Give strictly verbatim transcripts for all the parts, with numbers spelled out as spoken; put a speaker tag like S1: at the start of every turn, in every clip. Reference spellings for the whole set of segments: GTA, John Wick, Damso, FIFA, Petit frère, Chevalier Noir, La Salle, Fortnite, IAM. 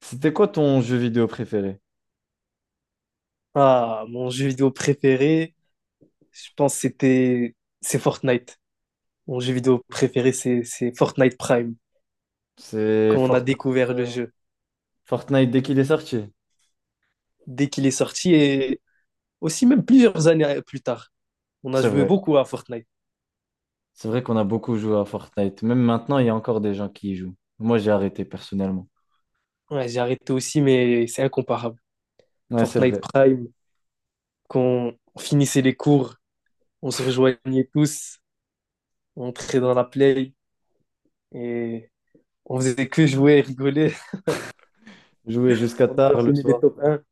S1: C'était quoi ton jeu vidéo préféré?
S2: Ah, mon jeu vidéo préféré, je pense que c'était c'est Fortnite. Mon jeu vidéo préféré, c'est c'est Fortnite Prime,
S1: C'est
S2: quand on a
S1: Fortnite.
S2: découvert le jeu,
S1: Fortnite dès qu'il est sorti.
S2: dès qu'il est sorti et aussi même plusieurs années plus tard. On a
S1: C'est
S2: joué
S1: vrai.
S2: beaucoup à Fortnite.
S1: C'est vrai qu'on a beaucoup joué à Fortnite. Même maintenant, il y a encore des gens qui y jouent. Moi, j'ai arrêté personnellement.
S2: Ouais, j'ai arrêté aussi, mais c'est incomparable.
S1: Ouais, c'est
S2: Fortnite
S1: vrai.
S2: Prime, quand on finissait les cours, on se rejoignait tous, on entrait dans la play et on faisait que jouer et rigoler.
S1: Jouer jusqu'à
S2: On
S1: tard le
S2: enchaînait les
S1: soir,
S2: top un.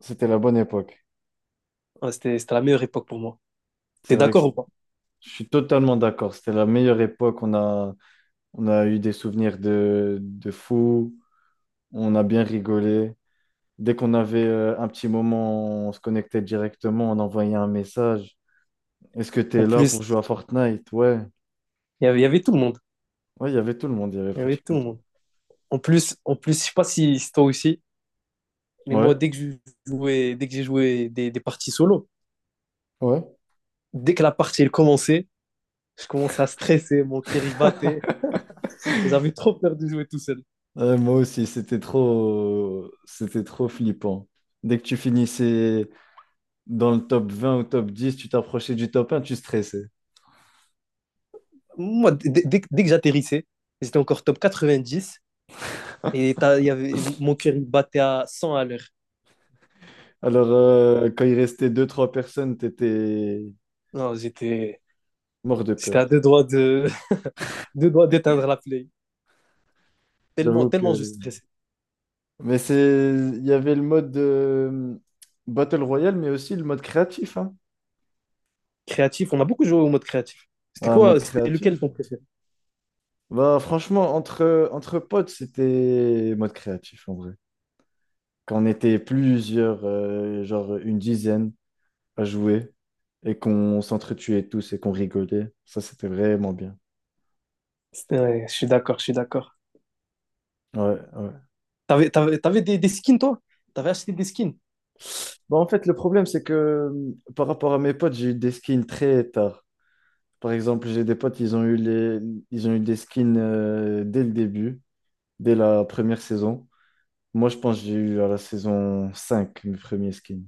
S1: c'était la bonne époque.
S2: Ouais, c'était c'était la meilleure époque pour moi.
S1: C'est
S2: T'es
S1: vrai que
S2: d'accord
S1: c'est-
S2: ou pas?
S1: Je suis totalement d'accord. C'était la meilleure époque. On a, on a eu des souvenirs de, de fou. On a bien rigolé. Dès qu'on avait euh, un petit moment, on se connectait directement. On envoyait un message. Est-ce que tu
S2: En
S1: es là pour
S2: plus,
S1: jouer à Fortnite? Ouais.
S2: Il y avait, il y avait tout le monde.
S1: Ouais, il y avait tout le monde, il y avait
S2: Il y avait tout
S1: pratiquement
S2: le
S1: tout.
S2: monde. En plus, en plus, je sais pas si c'est toi aussi,
S1: le
S2: mais
S1: monde.
S2: moi,
S1: Ouais,
S2: dès que je jouais, dès que j'ai joué des, des parties solo,
S1: ouais.
S2: dès que la partie elle commençait, je commençais à stresser, mon kiri battait. J'avais trop peur de jouer tout seul.
S1: Euh, moi aussi, c'était trop, c'était trop flippant. Dès que tu finissais dans le top vingt ou top dix, tu t'approchais du top un, tu stressais.
S2: Moi, dès, dès que dès que j'atterrissais, j'étais encore top quatre-vingt-dix et t'as- il y avait, mon cœur il battait à cent à l'heure.
S1: Alors, euh, quand il restait deux trois personnes, t'étais
S2: Non, j'étais,
S1: mort de
S2: j'étais
S1: peur.
S2: à deux doigts de, deux doigts d'éteindre la play. Tellement,
S1: J'avoue
S2: tellement je
S1: que...
S2: stressais.
S1: Mais c'est... Il y avait le mode euh, Battle Royale, mais aussi le mode créatif, hein.
S2: Créatif, on a beaucoup joué au mode créatif. C'était
S1: Ah,
S2: quoi,
S1: mode
S2: c'était
S1: créatif.
S2: lequel ton préféré?
S1: Bah, franchement, entre, entre potes, c'était mode créatif, en vrai. Qu'on était plusieurs, euh, genre une dizaine à jouer et qu'on s'entretuait tous et qu'on rigolait. Ça, c'était vraiment bien.
S2: C'est vrai, je suis d'accord, je suis d'accord.
S1: Ouais, ouais.
S2: T'avais, t'avais, t'avais des, des skins, toi? T'avais acheté des skins?
S1: Bon, en fait, le problème, c'est que euh, par rapport à mes potes, j'ai eu des skins très tard. Par exemple, j'ai des potes, ils ont eu les... ils ont eu des skins euh, dès le début, dès la première saison. Moi, je pense que j'ai eu à la saison cinq mes premiers skins.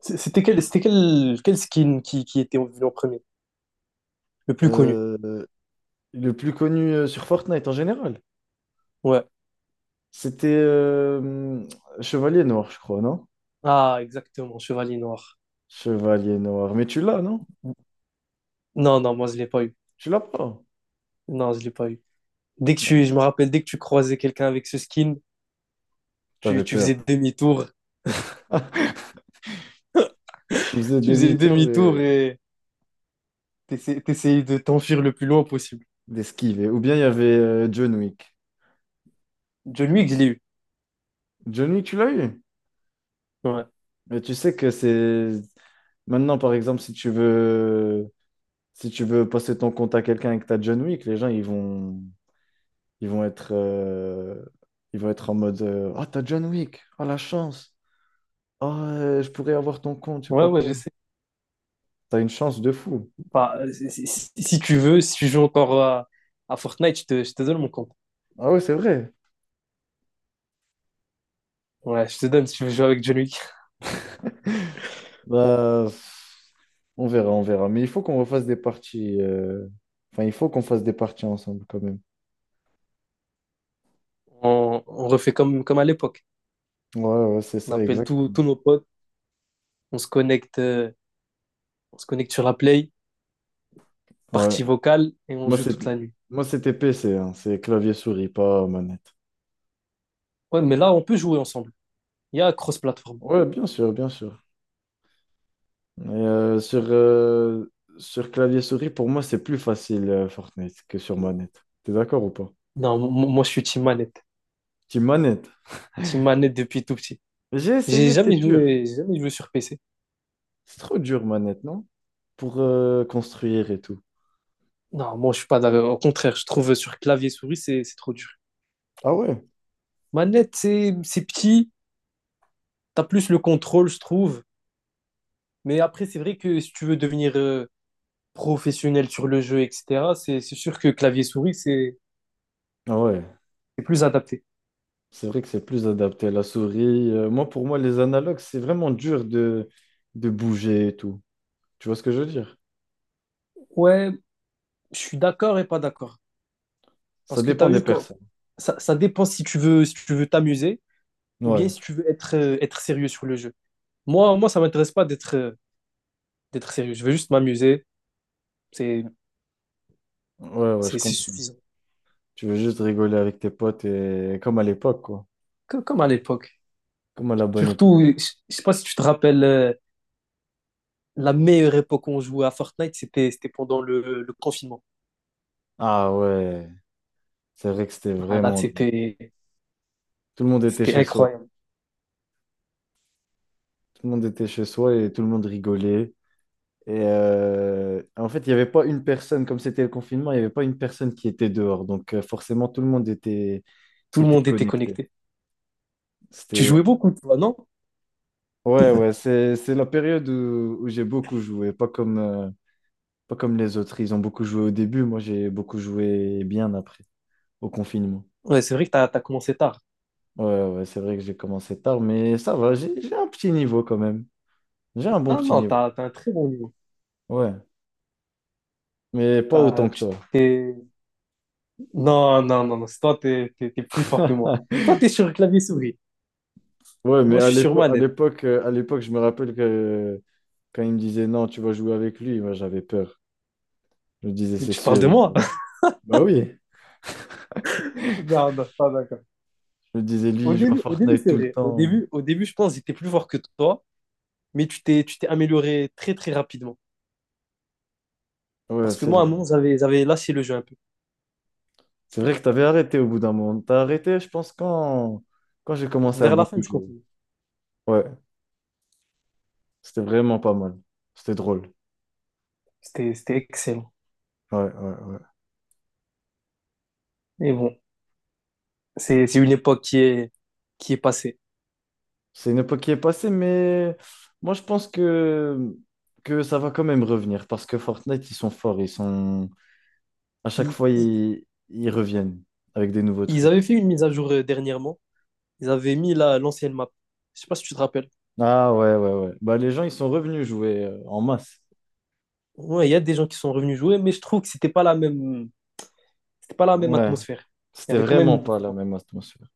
S2: C- C'était quel, c'était quel, quel skin qui, qui était venu en premier? Le plus connu?
S1: Euh, le plus connu euh, sur Fortnite en général,
S2: Ouais.
S1: c'était euh, Chevalier Noir, je crois, non?
S2: Ah, exactement, Chevalier Noir.
S1: Chevalier noir. Mais tu l'as, non?
S2: Non, non, moi, je l'ai pas eu.
S1: Tu l'as pas.
S2: Non, je l'ai pas eu. Dès que tu,
S1: Non,
S2: je me rappelle, dès que tu croisais quelqu'un avec ce skin, tu,
S1: t'avais
S2: tu
S1: peur.
S2: faisais demi-tour.
S1: Tu faisais
S2: Tu faisais
S1: demi-tour
S2: demi-tour
S1: et
S2: et t'essa- t'essayais de t'enfuir le plus loin possible.
S1: d'esquiver. Ou bien il y avait euh, John Wick.
S2: John Wick, je l'ai eu.
S1: John Wick, tu l'as eu.
S2: Ouais,
S1: Mais tu sais que c'est. Maintenant, par exemple, si tu veux, si tu veux passer ton compte à quelqu'un avec ta John Wick, les gens, ils vont, ils vont être, euh, ils vont être en mode euh, ah, t'as John Wick, ah, la chance, ah, euh, je pourrais avoir ton compte, je sais
S2: ouais,
S1: pas
S2: ouais, je
S1: quoi.
S2: sais.
S1: T'as une chance de fou.
S2: Enfin, si, si- si si tu veux, si tu joues encore à, à Fortnite, je te, je te donne mon compte.
S1: Ah ouais, c'est vrai.
S2: Ouais, je te donne si tu veux jouer avec John Wick.
S1: Bah, on verra, on verra. Mais il faut qu'on refasse des parties. euh, Enfin, il faut qu'on fasse des parties ensemble quand même.
S2: On, on refait comme, comme à l'époque.
S1: Ouais, ouais, c'est
S2: On
S1: ça,
S2: appelle
S1: exact.
S2: tous tous nos potes, on se connecte, euh, on se connecte sur la Play,
S1: Ouais.
S2: partie vocale, et on
S1: Moi,
S2: joue
S1: c'est
S2: toute la nuit.
S1: moi, c'était P C, hein. C'est clavier-souris, pas manette.
S2: Ouais, mais là, on peut jouer ensemble. Il y a cross-platform.
S1: Ouais, bien sûr, bien sûr. Et, euh, sur euh, sur clavier-souris, pour moi, c'est plus facile euh, Fortnite que sur manette. T'es d'accord ou pas?
S2: Non, mo- mo- moi, je suis team manette.
S1: Team manette.
S2: Team manette depuis tout petit.
S1: J'ai
S2: J'ai
S1: essayé,
S2: jamais
S1: c'est dur.
S2: joué, j'ai jamais joué sur P C.
S1: C'est trop dur, manette, non? Pour euh, construire et tout.
S2: Non, moi, je suis pas d'accord. Au contraire, je trouve sur clavier souris, c'est c'est trop dur.
S1: Ah ouais?
S2: Manette, c'est c'est petit. T'as plus le contrôle, je trouve. Mais après, c'est vrai que si tu veux devenir euh, professionnel sur le jeu, et cetera, c'est c'est sûr que clavier-souris, c'est
S1: Ah ouais.
S2: c'est plus adapté.
S1: C'est vrai que c'est plus adapté à la souris. Euh, moi, pour moi, les analogues, c'est vraiment dur de, de bouger et tout. Tu vois ce que je veux dire?
S2: Ouais, je suis d'accord et pas d'accord.
S1: Ça
S2: Parce que tu
S1: dépend
S2: as
S1: des
S2: vu, quand...
S1: personnes.
S2: ça, ça dépend si tu veux si tu veux t'amuser ou bien
S1: Ouais,
S2: si tu veux être, euh, être sérieux sur le jeu. Moi, moi ça m'intéresse pas d'être euh, d'être sérieux. Je veux juste m'amuser. C'est
S1: ouais, ouais, je
S2: c'est c'est
S1: comprends.
S2: suffisant.
S1: Tu veux juste rigoler avec tes potes et comme à l'époque, quoi.
S2: Co- Comme à l'époque.
S1: Comme à la bonne
S2: Surtout,
S1: époque.
S2: je je sais pas si tu te rappelles, euh, la meilleure époque où on jouait à Fortnite, c'était c'était pendant le, le confinement.
S1: Ah ouais, c'est vrai que c'était
S2: Ah, là,
S1: vraiment...
S2: c'était
S1: Tout le monde était
S2: c'était
S1: chez soi.
S2: incroyable.
S1: Tout le monde était chez soi et tout le monde rigolait. Et euh, en fait, il n'y avait pas une personne, comme c'était le confinement, il n'y avait pas une personne qui était dehors. Donc euh, forcément, tout le monde était,
S2: Tout le
S1: était
S2: monde était
S1: connecté.
S2: connecté. Tu
S1: C'était
S2: jouais beaucoup, toi, non?
S1: ouais, ouais, c'est, c'est la période où, où j'ai beaucoup joué, pas comme, euh, pas comme les autres. Ils ont beaucoup joué au début, moi j'ai beaucoup joué bien après, au confinement.
S2: Ouais, c'est vrai que t'as as, commencé tard.
S1: Ouais, ouais, c'est vrai que j'ai commencé tard, mais ça va, j'ai j'ai un petit niveau quand même. J'ai un bon
S2: Ah
S1: petit
S2: non,
S1: niveau,
S2: t'as as, un très bon niveau.
S1: ouais, mais pas
S2: T'as-
S1: autant que
S2: tu
S1: toi.
S2: t'es- Non, non, non, non. c'est Toi, t'es, t'es, t'es plus fort que moi. Toi, t'es sur clavier souris.
S1: Ouais, mais
S2: Moi, je
S1: à
S2: suis sur
S1: l'époque, à
S2: manette.
S1: l'époque, euh, à l'époque, je me rappelle que quand il me disait non, tu vas jouer avec lui, moi j'avais peur. Je me disais,
S2: Mais
S1: c'est
S2: tu parles
S1: sûr.
S2: de
S1: Il
S2: moi?
S1: Bah oui,
S2: Non, non, je suis pas d'accord.
S1: je me disais, lui,
S2: Au
S1: il joue à
S2: début, au début,
S1: Fortnite
S2: c'est
S1: tout le
S2: vrai. Au
S1: temps.
S2: début, au début, je pense que j'étais plus fort que toi, mais tu t'es, tu t'es amélioré très, très rapidement.
S1: Ouais,
S2: Parce que
S1: c'est
S2: moi, à un
S1: vrai.
S2: moment, j'avais, j'avais lâché le jeu un peu.
S1: C'est vrai que tu avais arrêté au bout d'un moment. T'as arrêté, je pense, quand, quand j'ai commencé à
S2: Vers la fin,
S1: beaucoup
S2: je
S1: jouer.
S2: comprenais.
S1: Ouais, c'était vraiment pas mal. C'était drôle.
S2: C'était, c'était excellent.
S1: Ouais, ouais, ouais.
S2: Mais bon, c'est, c'est une époque qui est, qui est passée.
S1: C'est une époque qui est passée, mais moi, je pense que, que ça va quand même revenir parce que Fortnite, ils sont forts. Ils sont... À chaque
S2: Il,
S1: fois,
S2: il-
S1: ils, ils reviennent avec des nouveaux
S2: Ils avaient
S1: trucs.
S2: fait une mise à jour euh, dernièrement. Ils avaient mis la, l'ancienne map. Je sais pas si tu te rappelles.
S1: Ah ouais, ouais, ouais. Bah, les gens, ils sont revenus jouer euh, en masse.
S2: Ouais, il y a des gens qui sont revenus jouer, mais je trouve que c'était pas la même, c'était pas la même
S1: Ouais,
S2: atmosphère. Il y
S1: c'était
S2: avait quand même
S1: vraiment
S2: une
S1: pas la
S2: différence.
S1: même atmosphère.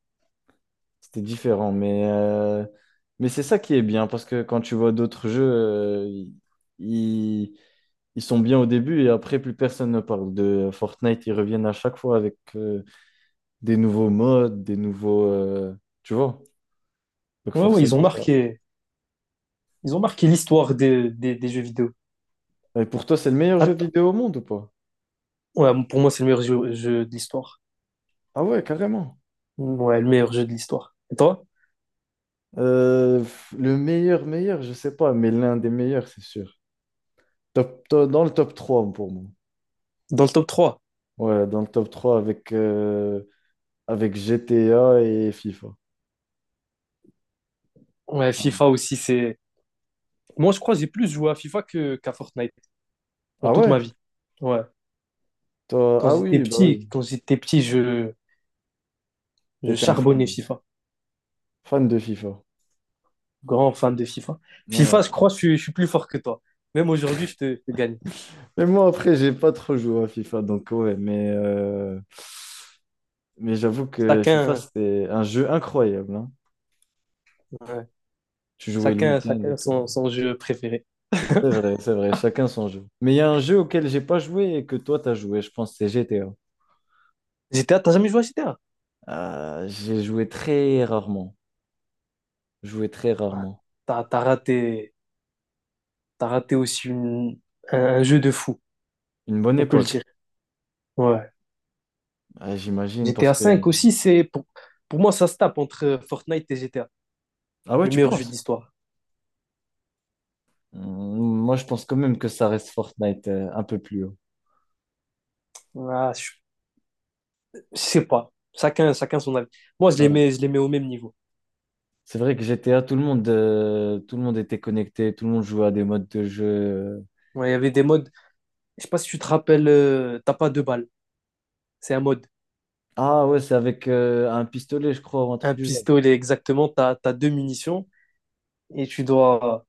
S1: C'était différent, mais, euh, mais c'est ça qui est bien, parce que quand tu vois d'autres jeux, euh, ils, ils sont bien au début et après plus personne ne parle de Fortnite, ils reviennent à chaque fois avec euh, des nouveaux modes, des nouveaux... euh, tu vois? Donc
S2: Ouais, ouais, ils ont
S1: forcément ça...
S2: marqué, ils ont marqué l'histoire des, des- des jeux vidéo.
S1: Et pour toi, c'est le meilleur jeu
S2: Att-
S1: vidéo au monde ou pas?
S2: ouais, pour moi, c'est le meilleur jeu, jeu de l'histoire.
S1: Ah ouais, carrément.
S2: Ouais, le meilleur jeu de l'histoire. Et toi?
S1: Euh, pff, le meilleur, meilleur, je sais pas, mais l'un des meilleurs, c'est sûr. Top, to- dans le top trois pour moi.
S2: Dans le top trois.
S1: Ouais, dans le top trois avec, euh, avec G T A et FIFA.
S2: Ouais, FIFA aussi, c'est. Moi, je crois que j'ai plus joué à FIFA que, qu'à Fortnite dans
S1: Ah
S2: toute ma
S1: ouais?
S2: vie. Ouais.
S1: Toi...
S2: Quand
S1: Ah
S2: j'étais
S1: oui, bah oui.
S2: petit, quand j'étais petit, je, je
S1: T'étais un
S2: charbonnais
S1: fan.
S2: FIFA.
S1: Fan de FIFA.
S2: Grand fan de FIFA. FIFA, je
S1: Ouais.
S2: crois, je, suis- je suis plus fort que toi. Même aujourd'hui, je te, je te gagne.
S1: Mais moi, après, j'ai pas trop joué à FIFA, donc ouais. Mais, euh, mais j'avoue que FIFA,
S2: Chacun,
S1: c'était un jeu incroyable, hein.
S2: ouais,
S1: Tu jouais le
S2: chacun,
S1: week-end et
S2: chacun
S1: tout.
S2: son, son jeu préféré.
S1: C'est vrai, c'est vrai. Chacun son jeu. Mais il y a un jeu auquel j'ai pas joué et que toi, t'as joué. Je pense que c'est G T A.
S2: G T A, t'as jamais joué à G T A?
S1: Euh, j'ai joué très rarement. Joué très
S2: Ouais,
S1: rarement.
S2: T'as, t'as raté, t'as raté aussi une- un, un jeu de fou,
S1: Une bonne
S2: on peut le
S1: époque,
S2: dire. Ouais.
S1: ah, j'imagine, parce
S2: G T A
S1: que...
S2: cinq aussi, c'est pour, pour moi, ça se tape entre euh, Fortnite et G T A,
S1: Ah ouais,
S2: le
S1: tu
S2: meilleur jeu
S1: penses?
S2: d'histoire.
S1: Hum, Moi, je pense quand même que ça reste Fortnite euh, un peu plus haut.
S2: Ah, je, je sais pas. Chacun, chacun son avis. Moi, je les
S1: Ouais.
S2: mets, je les mets au même niveau.
S1: C'est vrai que G T A, tout le monde, euh, tout le monde était connecté, tout le monde jouait à des modes de jeu.
S2: Ouais, Il y avait des modes. Je sais pas si tu te rappelles, euh, t'as pas deux balles. C'est un mode.
S1: Ah ouais, c'est avec euh, un pistolet, je crois, ou un truc
S2: Un
S1: du genre.
S2: pistolet exactement, t'as, t'as deux munitions et tu dois,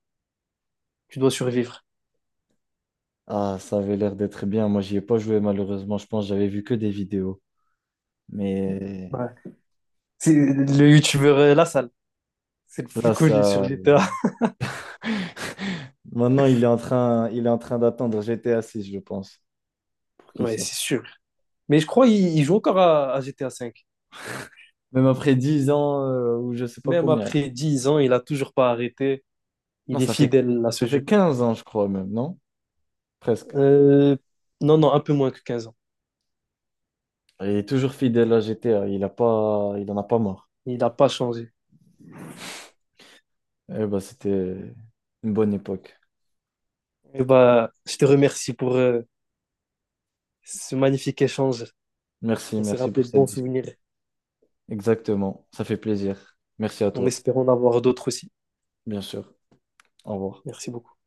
S2: tu dois survivre.
S1: Ah, ça avait l'air d'être bien. Moi, j'y ai pas joué, malheureusement. Je pense que j'avais vu que des vidéos. Mais
S2: Ouais. C'est le youtubeur euh, La Salle, c'est le plus
S1: là,
S2: connu sur
S1: ça.
S2: G T A.
S1: Maintenant, il est en train, il est en train d'attendre GTA six je pense, pour qu'il
S2: Ouais,
S1: sorte.
S2: c'est sûr. Mais je crois qu'il il joue encore à, à G T A V.
S1: Même après dix ans, euh, ou je sais pas
S2: Même
S1: combien.
S2: après dix ans, il a toujours pas arrêté.
S1: Non,
S2: Il est
S1: ça fait,
S2: fidèle à ce
S1: ça fait
S2: jeu.
S1: quinze ans, je crois, même, non? Presque.
S2: Euh, non, non, un peu moins que quinze ans.
S1: Il est toujours fidèle à G T A. Il a pas, il en a pas marre.
S2: Il n'a pas changé.
S1: Eh ben, c'était une bonne époque.
S2: Et bah, je te remercie pour euh, ce magnifique échange.
S1: Merci,
S2: On s'est
S1: merci
S2: rappelé
S1: pour
S2: de
S1: cette
S2: bons
S1: discussion.
S2: souvenirs
S1: Exactement, ça fait plaisir. Merci à
S2: en
S1: toi,
S2: espérant en avoir d'autres aussi.
S1: bien sûr. Au revoir.
S2: Merci beaucoup.